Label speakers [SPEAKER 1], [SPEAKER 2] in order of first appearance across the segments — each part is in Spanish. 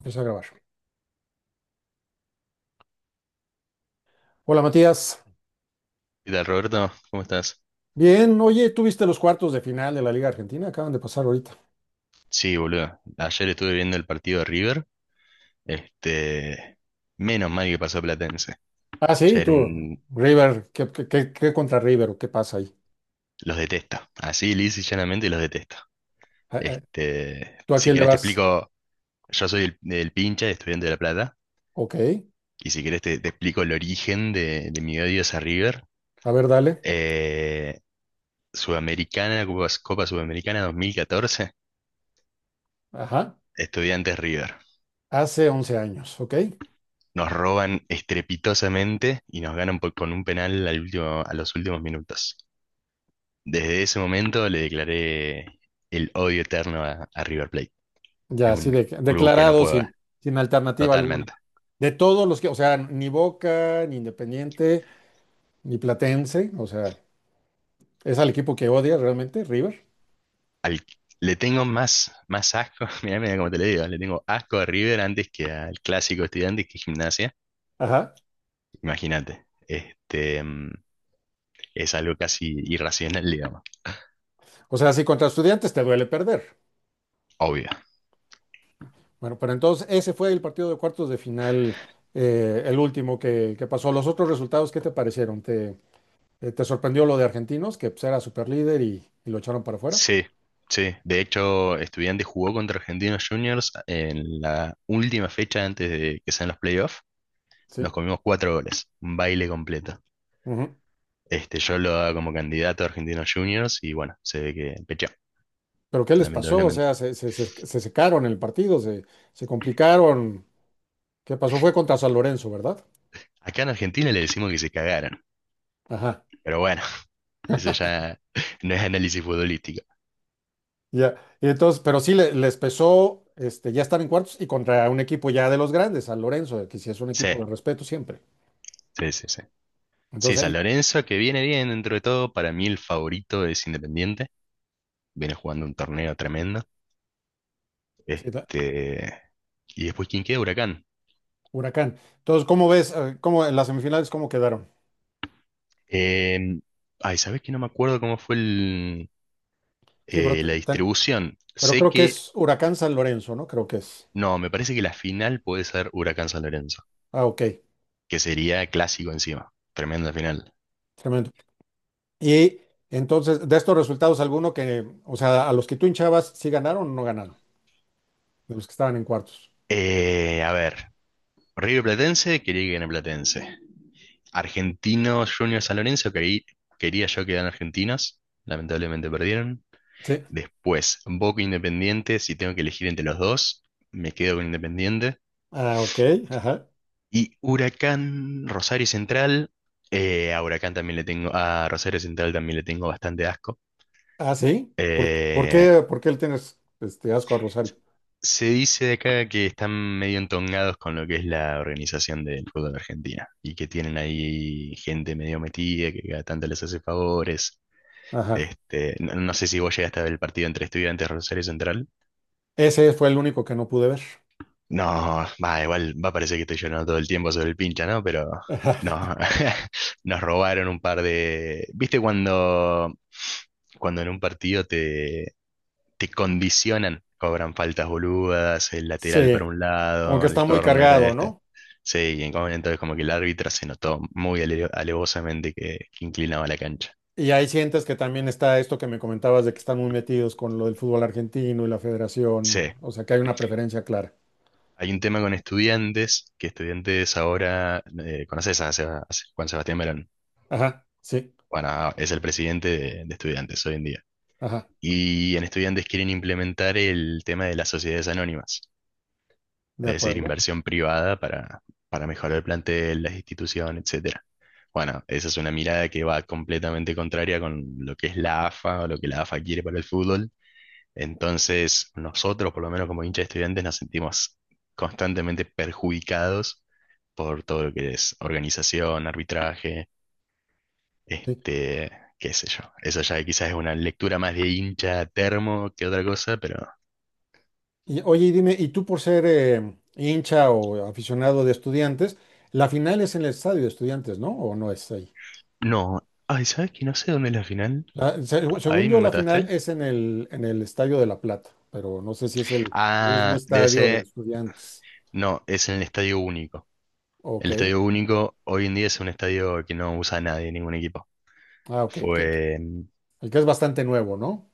[SPEAKER 1] Empieza a grabar. Hola Matías.
[SPEAKER 2] ¿Qué tal, Roberto? ¿Cómo estás?
[SPEAKER 1] Bien, oye, ¿tú viste los cuartos de final de la Liga Argentina? Acaban de pasar ahorita.
[SPEAKER 2] Sí, boludo. Ayer estuve viendo el partido de River. Este, Menos mal que pasó Platense.
[SPEAKER 1] Ah,
[SPEAKER 2] Ya
[SPEAKER 1] sí,
[SPEAKER 2] era
[SPEAKER 1] tú,
[SPEAKER 2] un...
[SPEAKER 1] River, ¿qué contra River o qué pasa ahí?
[SPEAKER 2] Los detesto. Así, lisa y llanamente los detesto.
[SPEAKER 1] Ah, ah,
[SPEAKER 2] Este,
[SPEAKER 1] ¿tú a
[SPEAKER 2] si
[SPEAKER 1] quién le
[SPEAKER 2] querés te
[SPEAKER 1] vas?
[SPEAKER 2] explico, yo soy el pincha, estudiante de La Plata.
[SPEAKER 1] Ok,
[SPEAKER 2] Y si querés te explico el origen de mi odio hacia River.
[SPEAKER 1] a ver, dale.
[SPEAKER 2] Eh, Sudamericana, Copa Sudamericana 2014,
[SPEAKER 1] Ajá,
[SPEAKER 2] Estudiantes River.
[SPEAKER 1] hace 11 años, ok.
[SPEAKER 2] Nos roban estrepitosamente y nos ganan con un penal al último, a los últimos minutos. Desde ese momento le declaré el odio eterno a River Plate.
[SPEAKER 1] Ya,
[SPEAKER 2] Es
[SPEAKER 1] así
[SPEAKER 2] un
[SPEAKER 1] de,
[SPEAKER 2] club que no
[SPEAKER 1] declarado
[SPEAKER 2] puedo ver,
[SPEAKER 1] sin alternativa alguna.
[SPEAKER 2] totalmente.
[SPEAKER 1] De todos los que, o sea, ni Boca, ni Independiente, ni Platense, o sea, es al equipo que odias realmente, River.
[SPEAKER 2] Al- le tengo más asco, mirá cómo te lo digo, le tengo asco a River antes que al clásico estudiante que Gimnasia.
[SPEAKER 1] Ajá.
[SPEAKER 2] Imagínate, es algo casi irracional, digamos,
[SPEAKER 1] O sea, si contra Estudiantes te duele perder.
[SPEAKER 2] obvio.
[SPEAKER 1] Bueno, pero entonces ese fue el partido de cuartos de final, el último que pasó. ¿Los otros resultados qué te parecieron? ¿Te sorprendió lo de Argentinos, que pues, era superlíder y lo echaron para afuera?
[SPEAKER 2] Sí, sí. De hecho, Estudiantes jugó contra Argentinos Juniors en la última fecha antes de que sean los playoffs. Nos
[SPEAKER 1] Sí.
[SPEAKER 2] comimos cuatro goles, un baile completo.
[SPEAKER 1] Ujú.
[SPEAKER 2] Yo lo daba como candidato a Argentinos Juniors y bueno, se ve que pecheó,
[SPEAKER 1] ¿Pero qué les pasó? O
[SPEAKER 2] lamentablemente.
[SPEAKER 1] sea, se secaron el partido, se complicaron. ¿Qué pasó? Fue contra San Lorenzo, ¿verdad?
[SPEAKER 2] Acá en Argentina le decimos que se cagaron,
[SPEAKER 1] Ajá.
[SPEAKER 2] pero bueno, eso ya no es análisis futbolístico.
[SPEAKER 1] Ya. Y entonces, pero sí les pesó ya estar en cuartos y contra un equipo ya de los grandes, San Lorenzo, que sí es un
[SPEAKER 2] Sí,
[SPEAKER 1] equipo de respeto siempre.
[SPEAKER 2] sí, sí, sí. Sí,
[SPEAKER 1] Entonces
[SPEAKER 2] San
[SPEAKER 1] ahí.
[SPEAKER 2] Lorenzo, que viene bien dentro de todo, para mí el favorito es Independiente, viene jugando un torneo tremendo.
[SPEAKER 1] Sí,
[SPEAKER 2] Este, Y después, ¿quién queda? Huracán.
[SPEAKER 1] Huracán. Entonces, ¿cómo ves? ¿Cómo en las semifinales cómo quedaron?
[SPEAKER 2] Eh, ay, ¿sabés que no me acuerdo cómo fue
[SPEAKER 1] Sí, pero,
[SPEAKER 2] la distribución?
[SPEAKER 1] pero
[SPEAKER 2] Sé
[SPEAKER 1] creo que
[SPEAKER 2] que,
[SPEAKER 1] es Huracán San Lorenzo, ¿no? Creo que es.
[SPEAKER 2] no, me parece que la final puede ser Huracán San Lorenzo,
[SPEAKER 1] Ah, ok.
[SPEAKER 2] que sería clásico encima. Tremenda final.
[SPEAKER 1] Tremendo. Y entonces, de estos resultados, alguno que, o sea, a los que tú hinchabas, ¿sí ganaron o no ganaron? De los que estaban en cuartos.
[SPEAKER 2] A ver, River Platense, quería que gane Platense. Argentino Junior San Lorenzo, que ahí quería yo que eran argentinas. Lamentablemente perdieron.
[SPEAKER 1] Sí.
[SPEAKER 2] Después, Boca Independiente, si tengo que elegir entre los dos, me quedo con Independiente.
[SPEAKER 1] Ah, ok. Ajá.
[SPEAKER 2] Y Huracán, Rosario Central, a Huracán también le tengo, a Rosario Central también le tengo bastante asco.
[SPEAKER 1] Ah, sí. ¿Por, por
[SPEAKER 2] Eh,
[SPEAKER 1] qué, por qué le tienes este asco a Rosario?
[SPEAKER 2] se dice de acá que están medio entongados con lo que es la organización del fútbol argentino y que tienen ahí gente medio metida que cada tanto les hace favores.
[SPEAKER 1] Ajá.
[SPEAKER 2] No, no sé si vos llegaste a ver el partido entre Estudiantes y Rosario Central.
[SPEAKER 1] Ese fue el único que no pude ver.
[SPEAKER 2] No, va, igual va a parecer que estoy llorando todo el tiempo sobre el pincha, ¿no? Pero
[SPEAKER 1] Ajá.
[SPEAKER 2] no, nos robaron un par de... ¿Viste cuando en un partido te condicionan? Cobran faltas boludas, el lateral para
[SPEAKER 1] Sí.
[SPEAKER 2] un
[SPEAKER 1] Como que
[SPEAKER 2] lado,
[SPEAKER 1] está
[SPEAKER 2] el
[SPEAKER 1] muy
[SPEAKER 2] córner,
[SPEAKER 1] cargado,
[SPEAKER 2] esta.
[SPEAKER 1] ¿no?
[SPEAKER 2] Sí, y entonces como que el árbitro se notó muy alevosamente que inclinaba la cancha.
[SPEAKER 1] Y ahí sientes que también está esto que me comentabas de que están muy metidos con lo del fútbol argentino y la federación,
[SPEAKER 2] Sí,
[SPEAKER 1] o sea, que hay una preferencia clara.
[SPEAKER 2] hay un tema con estudiantes, que estudiantes ahora, ¿conoces a a Juan Sebastián Verón?
[SPEAKER 1] Ajá, sí,
[SPEAKER 2] Bueno, es el presidente de estudiantes hoy en día.
[SPEAKER 1] ajá,
[SPEAKER 2] Y en estudiantes quieren implementar el tema de las sociedades anónimas,
[SPEAKER 1] de
[SPEAKER 2] es decir,
[SPEAKER 1] acuerdo.
[SPEAKER 2] inversión privada para mejorar el plantel, la institución, etcétera. Bueno, esa es una mirada que va completamente contraria con lo que es la AFA o lo que la AFA quiere para el fútbol. Entonces, nosotros, por lo menos como hinchas de estudiantes, nos sentimos constantemente perjudicados por todo lo que es organización, arbitraje,
[SPEAKER 1] Sí.
[SPEAKER 2] este, qué sé yo. Eso ya quizás es una lectura más de hincha termo que otra cosa, pero
[SPEAKER 1] Y oye, y dime, ¿y tú por ser hincha o aficionado de estudiantes, la final es en el estadio de estudiantes, ¿no? ¿O no es ahí?
[SPEAKER 2] no. Ay, ¿sabes que no sé dónde es la final?
[SPEAKER 1] Según
[SPEAKER 2] Ahí me
[SPEAKER 1] yo, la final
[SPEAKER 2] mataste.
[SPEAKER 1] es en el Estadio de La Plata, pero no sé si es el mismo
[SPEAKER 2] Ah, debe
[SPEAKER 1] estadio de
[SPEAKER 2] ser.
[SPEAKER 1] estudiantes.
[SPEAKER 2] No, es en el Estadio Único.
[SPEAKER 1] Ok,
[SPEAKER 2] El Estadio Único hoy en día es un estadio que no usa nadie, ningún equipo.
[SPEAKER 1] ah, ok,
[SPEAKER 2] Fue.
[SPEAKER 1] el que es bastante nuevo, ¿no?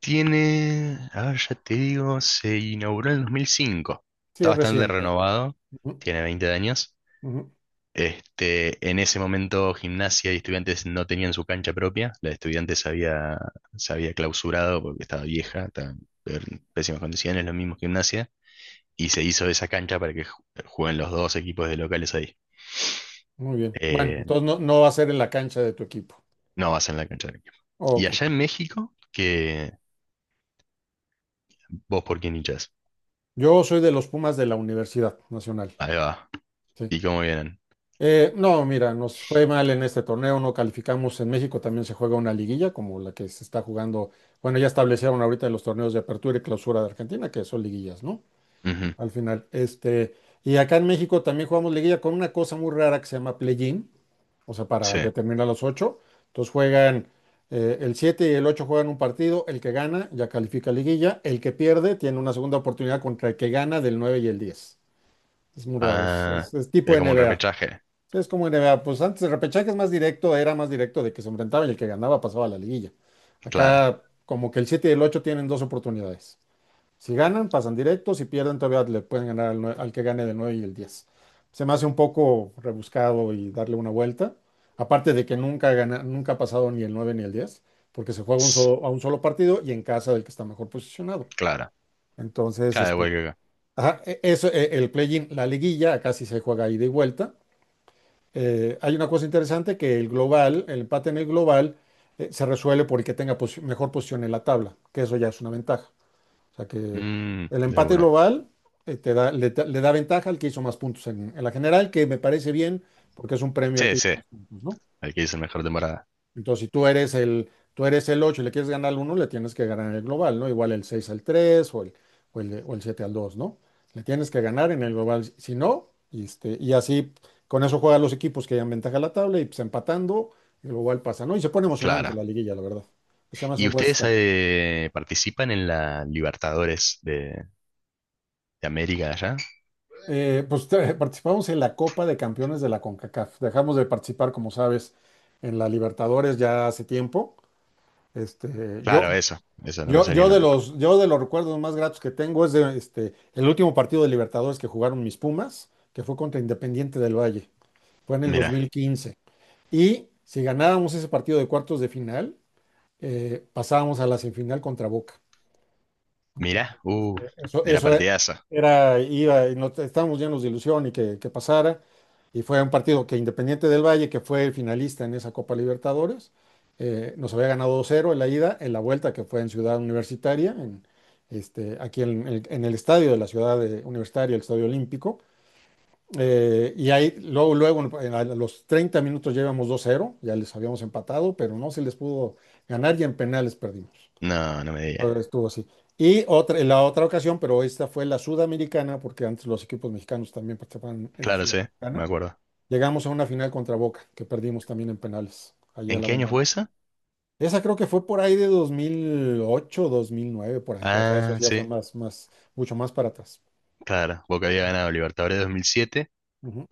[SPEAKER 2] Tiene. A ver, ya te digo, se inauguró en el 2005.
[SPEAKER 1] Sí,
[SPEAKER 2] Está
[SPEAKER 1] es
[SPEAKER 2] bastante
[SPEAKER 1] reciente.
[SPEAKER 2] renovado,
[SPEAKER 1] Ujú,
[SPEAKER 2] tiene 20 años.
[SPEAKER 1] ujú.
[SPEAKER 2] En ese momento Gimnasia y Estudiantes no tenían su cancha propia, la de Estudiantes se había clausurado porque estaba vieja, estaba en pésimas condiciones, lo mismo Gimnasia, y se hizo esa cancha para que jueguen los dos equipos de locales ahí.
[SPEAKER 1] Muy bien. Bueno,
[SPEAKER 2] Eh,
[SPEAKER 1] entonces no va a ser en la cancha de tu equipo.
[SPEAKER 2] no vas en la cancha del equipo. Y
[SPEAKER 1] Ok.
[SPEAKER 2] allá en México, que vos por quién hinchás.
[SPEAKER 1] Yo soy de los Pumas de la Universidad Nacional.
[SPEAKER 2] Ahí va.
[SPEAKER 1] Sí.
[SPEAKER 2] ¿Y cómo vienen?
[SPEAKER 1] No, mira, nos fue mal en este torneo, no calificamos. En México también se juega una liguilla como la que se está jugando. Bueno, ya establecieron ahorita en los torneos de apertura y clausura de Argentina, que son liguillas, ¿no?
[SPEAKER 2] Ujú,
[SPEAKER 1] Al final. Y acá en México también jugamos liguilla con una cosa muy rara que se llama play-in, o sea, para
[SPEAKER 2] sí.
[SPEAKER 1] determinar los ocho. Entonces juegan el 7 y el 8 juegan un partido, el que gana ya califica a liguilla, el que pierde tiene una segunda oportunidad contra el que gana del 9 y el 10. Es muy raro, es,
[SPEAKER 2] Ah,
[SPEAKER 1] es- es tipo
[SPEAKER 2] es como un
[SPEAKER 1] NBA.
[SPEAKER 2] repechaje.
[SPEAKER 1] Sí, es como NBA, pues antes el repechaje es más directo, era más directo de que se enfrentaban y el que ganaba pasaba a la liguilla.
[SPEAKER 2] Clara.
[SPEAKER 1] Acá como que el 7 y el 8 tienen dos oportunidades. Si ganan, pasan directos. Si pierden, todavía le pueden ganar al que gane del 9 y el 10. Se me hace un poco rebuscado y darle una vuelta. Aparte de que nunca, nunca ha pasado ni el 9 ni el 10, porque se juega un
[SPEAKER 2] Tss,
[SPEAKER 1] a un solo partido y en casa del que está mejor posicionado.
[SPEAKER 2] Clara.
[SPEAKER 1] Entonces,
[SPEAKER 2] Claro, igual que acá.
[SPEAKER 1] ajá, eso, el play-in, la liguilla, acá casi se juega ida y vuelta. Hay una cosa interesante que el global, el empate en el global, se resuelve por el que tenga mejor posición en la tabla, que eso ya es una ventaja. O sea que
[SPEAKER 2] Mm,
[SPEAKER 1] el
[SPEAKER 2] de
[SPEAKER 1] empate
[SPEAKER 2] una.
[SPEAKER 1] global te da, le, da le da ventaja al que hizo más puntos en la general, que me parece bien porque es un premio al
[SPEAKER 2] Sí,
[SPEAKER 1] que hizo
[SPEAKER 2] sí.
[SPEAKER 1] más puntos, ¿no?
[SPEAKER 2] Al que hizo la mejor temporada.
[SPEAKER 1] Entonces, si tú eres tú eres el 8 y le quieres ganar al uno le tienes que ganar el global, ¿no? Igual el 6 al 3 o el 7 al dos, ¿no? Le tienes que ganar en el global, si no, y así con eso juegan los equipos que dan ventaja a la tabla y pues empatando, el global pasa, ¿no? Y se pone emocionante
[SPEAKER 2] Claro.
[SPEAKER 1] la liguilla, la verdad. Se llama
[SPEAKER 2] ¿Y
[SPEAKER 1] un buen
[SPEAKER 2] ustedes
[SPEAKER 1] sistema.
[SPEAKER 2] participan en la Libertadores de América allá?
[SPEAKER 1] Pues participamos en la Copa de Campeones de la CONCACAF. Dejamos de participar, como sabes, en la Libertadores ya hace tiempo. Este,
[SPEAKER 2] Claro,
[SPEAKER 1] yo,
[SPEAKER 2] eso. Eso no me
[SPEAKER 1] yo,
[SPEAKER 2] salía en
[SPEAKER 1] yo
[SPEAKER 2] la...
[SPEAKER 1] de los, yo de los recuerdos más gratos que tengo es de, el último partido de Libertadores que jugaron mis Pumas, que fue contra Independiente del Valle. Fue en el
[SPEAKER 2] Mirá,
[SPEAKER 1] 2015. Y si ganábamos ese partido de cuartos de final, pasábamos a la semifinal contra Boca.
[SPEAKER 2] mirá. Uh,
[SPEAKER 1] Eso,
[SPEAKER 2] era
[SPEAKER 1] eso
[SPEAKER 2] partidazo.
[SPEAKER 1] era, iba, y no, estábamos llenos de ilusión y que pasara. Y fue un partido que Independiente del Valle, que fue finalista en esa Copa Libertadores, nos había ganado 2-0 en la ida, en la vuelta que fue en Ciudad Universitaria, aquí en el estadio de la Ciudad Universitaria, el Estadio Olímpico. Y ahí, luego, luego, a los 30 minutos ya íbamos 2-0, ya les habíamos empatado, pero no se les pudo ganar y en penales perdimos.
[SPEAKER 2] No, no me digas.
[SPEAKER 1] Todo estuvo así. Y otra, en la otra ocasión, pero esta fue la Sudamericana, porque antes los equipos mexicanos también participaban en la
[SPEAKER 2] Claro, sí, me
[SPEAKER 1] Sudamericana.
[SPEAKER 2] acuerdo.
[SPEAKER 1] Llegamos a una final contra Boca, que perdimos también en penales, allá
[SPEAKER 2] ¿En
[SPEAKER 1] en la
[SPEAKER 2] qué año fue
[SPEAKER 1] Bombonera.
[SPEAKER 2] eso?
[SPEAKER 1] Esa creo que fue por ahí de dos mil ocho 2009 por ahí. O sea, eso
[SPEAKER 2] Ah,
[SPEAKER 1] ya
[SPEAKER 2] sí,
[SPEAKER 1] fue mucho más para atrás.
[SPEAKER 2] claro. Boca había ganado Libertadores 2007
[SPEAKER 1] Ujú.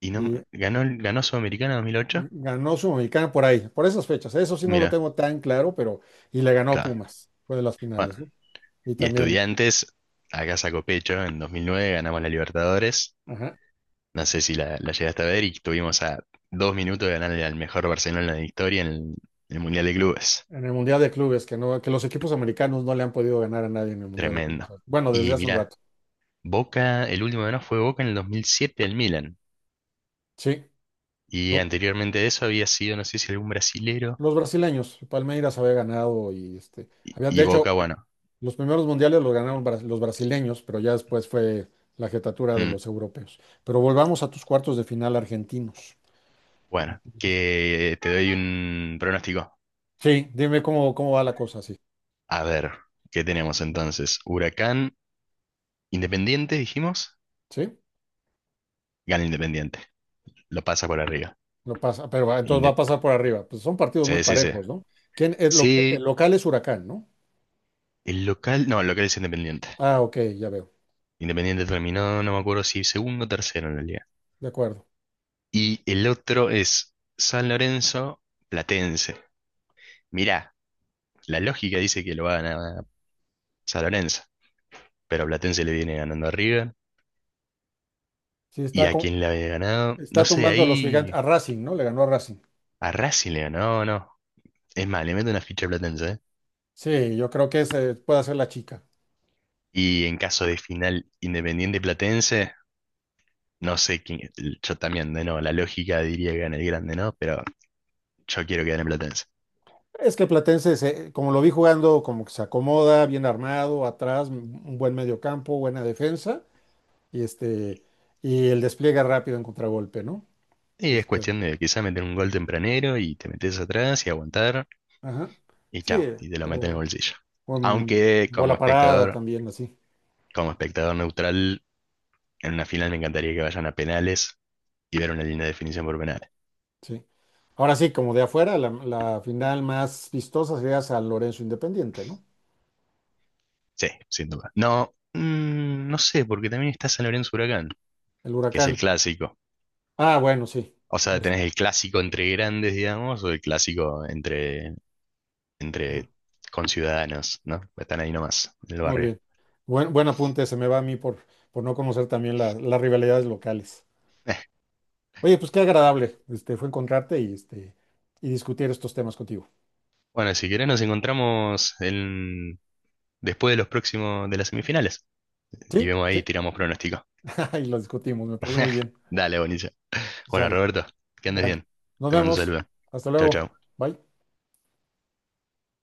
[SPEAKER 2] y no
[SPEAKER 1] Y
[SPEAKER 2] ganó, ganó Sudamericana 2008.
[SPEAKER 1] ganó Sudamericana por ahí, por esas fechas. Eso sí no lo
[SPEAKER 2] Mirá,
[SPEAKER 1] tengo tan claro, pero y le ganó a
[SPEAKER 2] claro.
[SPEAKER 1] Pumas. Fue de las
[SPEAKER 2] Bueno,
[SPEAKER 1] finales, ¿no? Y
[SPEAKER 2] y
[SPEAKER 1] también,
[SPEAKER 2] Estudiantes, acá sacó pecho, en 2009 ganamos la Libertadores.
[SPEAKER 1] ajá.
[SPEAKER 2] No sé si la llegaste a ver y estuvimos a 2 minutos de ganarle al mejor Barcelona de la historia en el Mundial de Clubes.
[SPEAKER 1] En el Mundial de Clubes, que no, que los equipos americanos no le han podido ganar a nadie en el Mundial de Clubes.
[SPEAKER 2] Tremendo.
[SPEAKER 1] Bueno, desde
[SPEAKER 2] Y
[SPEAKER 1] hace un
[SPEAKER 2] mirá,
[SPEAKER 1] rato.
[SPEAKER 2] Boca, el último ganó fue Boca en el 2007 el Milan.
[SPEAKER 1] Sí.
[SPEAKER 2] Y
[SPEAKER 1] Lo-
[SPEAKER 2] anteriormente de eso había sido, no sé si algún brasilero.
[SPEAKER 1] Los brasileños, Palmeiras había ganado y
[SPEAKER 2] Y,
[SPEAKER 1] había, de
[SPEAKER 2] y
[SPEAKER 1] hecho,
[SPEAKER 2] Boca, bueno.
[SPEAKER 1] los primeros mundiales los ganaron los brasileños, pero ya después fue la jetatura de
[SPEAKER 2] mm,
[SPEAKER 1] los europeos. Pero volvamos a tus cuartos de final argentinos.
[SPEAKER 2] bueno,
[SPEAKER 1] Entonces,
[SPEAKER 2] que te doy un pronóstico.
[SPEAKER 1] sí, dime cómo va la cosa, sí.
[SPEAKER 2] A ver, ¿qué tenemos entonces? Huracán, Independiente, dijimos.
[SPEAKER 1] Sí,
[SPEAKER 2] Gana Independiente. Lo pasa por arriba.
[SPEAKER 1] lo pasa, pero entonces va
[SPEAKER 2] Inde-
[SPEAKER 1] a pasar por arriba. Pues son partidos muy
[SPEAKER 2] sí, sí, sí.
[SPEAKER 1] parejos, ¿no? ¿Quién,
[SPEAKER 2] Sí,
[SPEAKER 1] el local es Huracán, ¿no?
[SPEAKER 2] el local, no, el local es Independiente.
[SPEAKER 1] Ah, ok, ya veo.
[SPEAKER 2] Independiente terminó, no me acuerdo si segundo o tercero en la liga.
[SPEAKER 1] De acuerdo.
[SPEAKER 2] Y el otro es San Lorenzo Platense. Mirá, la lógica dice que lo va a ganar San Lorenzo, pero Platense le viene ganando a River.
[SPEAKER 1] Sí,
[SPEAKER 2] ¿Y a quién le había ganado? No
[SPEAKER 1] está
[SPEAKER 2] sé,
[SPEAKER 1] tumbando a los gigantes,
[SPEAKER 2] ahí
[SPEAKER 1] a Racing, ¿no? Le ganó a Racing.
[SPEAKER 2] a Racing le ganó, no, no. Es más, le meto una ficha a Platense, ¿eh?
[SPEAKER 1] Sí, yo creo que ese puede ser la chica.
[SPEAKER 2] Y en caso de final Independiente Platense, no sé quién, yo también, de no, la lógica diría que gana el grande, ¿no? Pero yo quiero que gane Platense.
[SPEAKER 1] Es que Platense, como lo vi jugando, como que se acomoda, bien armado, atrás, un buen mediocampo, buena defensa, y este, y el despliegue rápido en contragolpe, ¿no?
[SPEAKER 2] Y es
[SPEAKER 1] Este,
[SPEAKER 2] cuestión de quizá meter un gol tempranero y te metes atrás y aguantar
[SPEAKER 1] ajá.
[SPEAKER 2] y
[SPEAKER 1] Sí,
[SPEAKER 2] chao, y te lo meten en el
[SPEAKER 1] o
[SPEAKER 2] bolsillo.
[SPEAKER 1] con
[SPEAKER 2] Aunque
[SPEAKER 1] bola parada también, así,
[SPEAKER 2] como espectador neutral, en una final me encantaría que vayan a penales y ver una linda definición por penales.
[SPEAKER 1] sí. Ahora sí, como de afuera, la final más vistosa sería San Lorenzo Independiente, ¿no?
[SPEAKER 2] Sí, sin duda. No, no sé, porque también está San Lorenzo Huracán,
[SPEAKER 1] El
[SPEAKER 2] que es el
[SPEAKER 1] Huracán.
[SPEAKER 2] clásico.
[SPEAKER 1] Ah, bueno, sí.
[SPEAKER 2] O sea, tenés el clásico entre grandes, digamos, o el clásico entre,
[SPEAKER 1] Ajá.
[SPEAKER 2] entre conciudadanos, ¿no? Están ahí nomás, en el
[SPEAKER 1] Muy
[SPEAKER 2] barrio.
[SPEAKER 1] bien. Buen apunte, se me va a mí por no conocer también las rivalidades locales. Oye, pues qué agradable, fue encontrarte y discutir estos temas contigo.
[SPEAKER 2] Bueno, si querés nos encontramos en después de los próximos de las semifinales. Y
[SPEAKER 1] Sí,
[SPEAKER 2] vemos ahí,
[SPEAKER 1] sí,
[SPEAKER 2] tiramos pronóstico.
[SPEAKER 1] y los discutimos, me parece muy bien.
[SPEAKER 2] Dale, buenísimo. Bueno,
[SPEAKER 1] Sale.
[SPEAKER 2] Roberto, que andes
[SPEAKER 1] Bueno,
[SPEAKER 2] bien.
[SPEAKER 1] nos
[SPEAKER 2] Te mando un
[SPEAKER 1] vemos.
[SPEAKER 2] saludo.
[SPEAKER 1] Hasta
[SPEAKER 2] Chau,
[SPEAKER 1] luego.
[SPEAKER 2] chau.
[SPEAKER 1] Bye.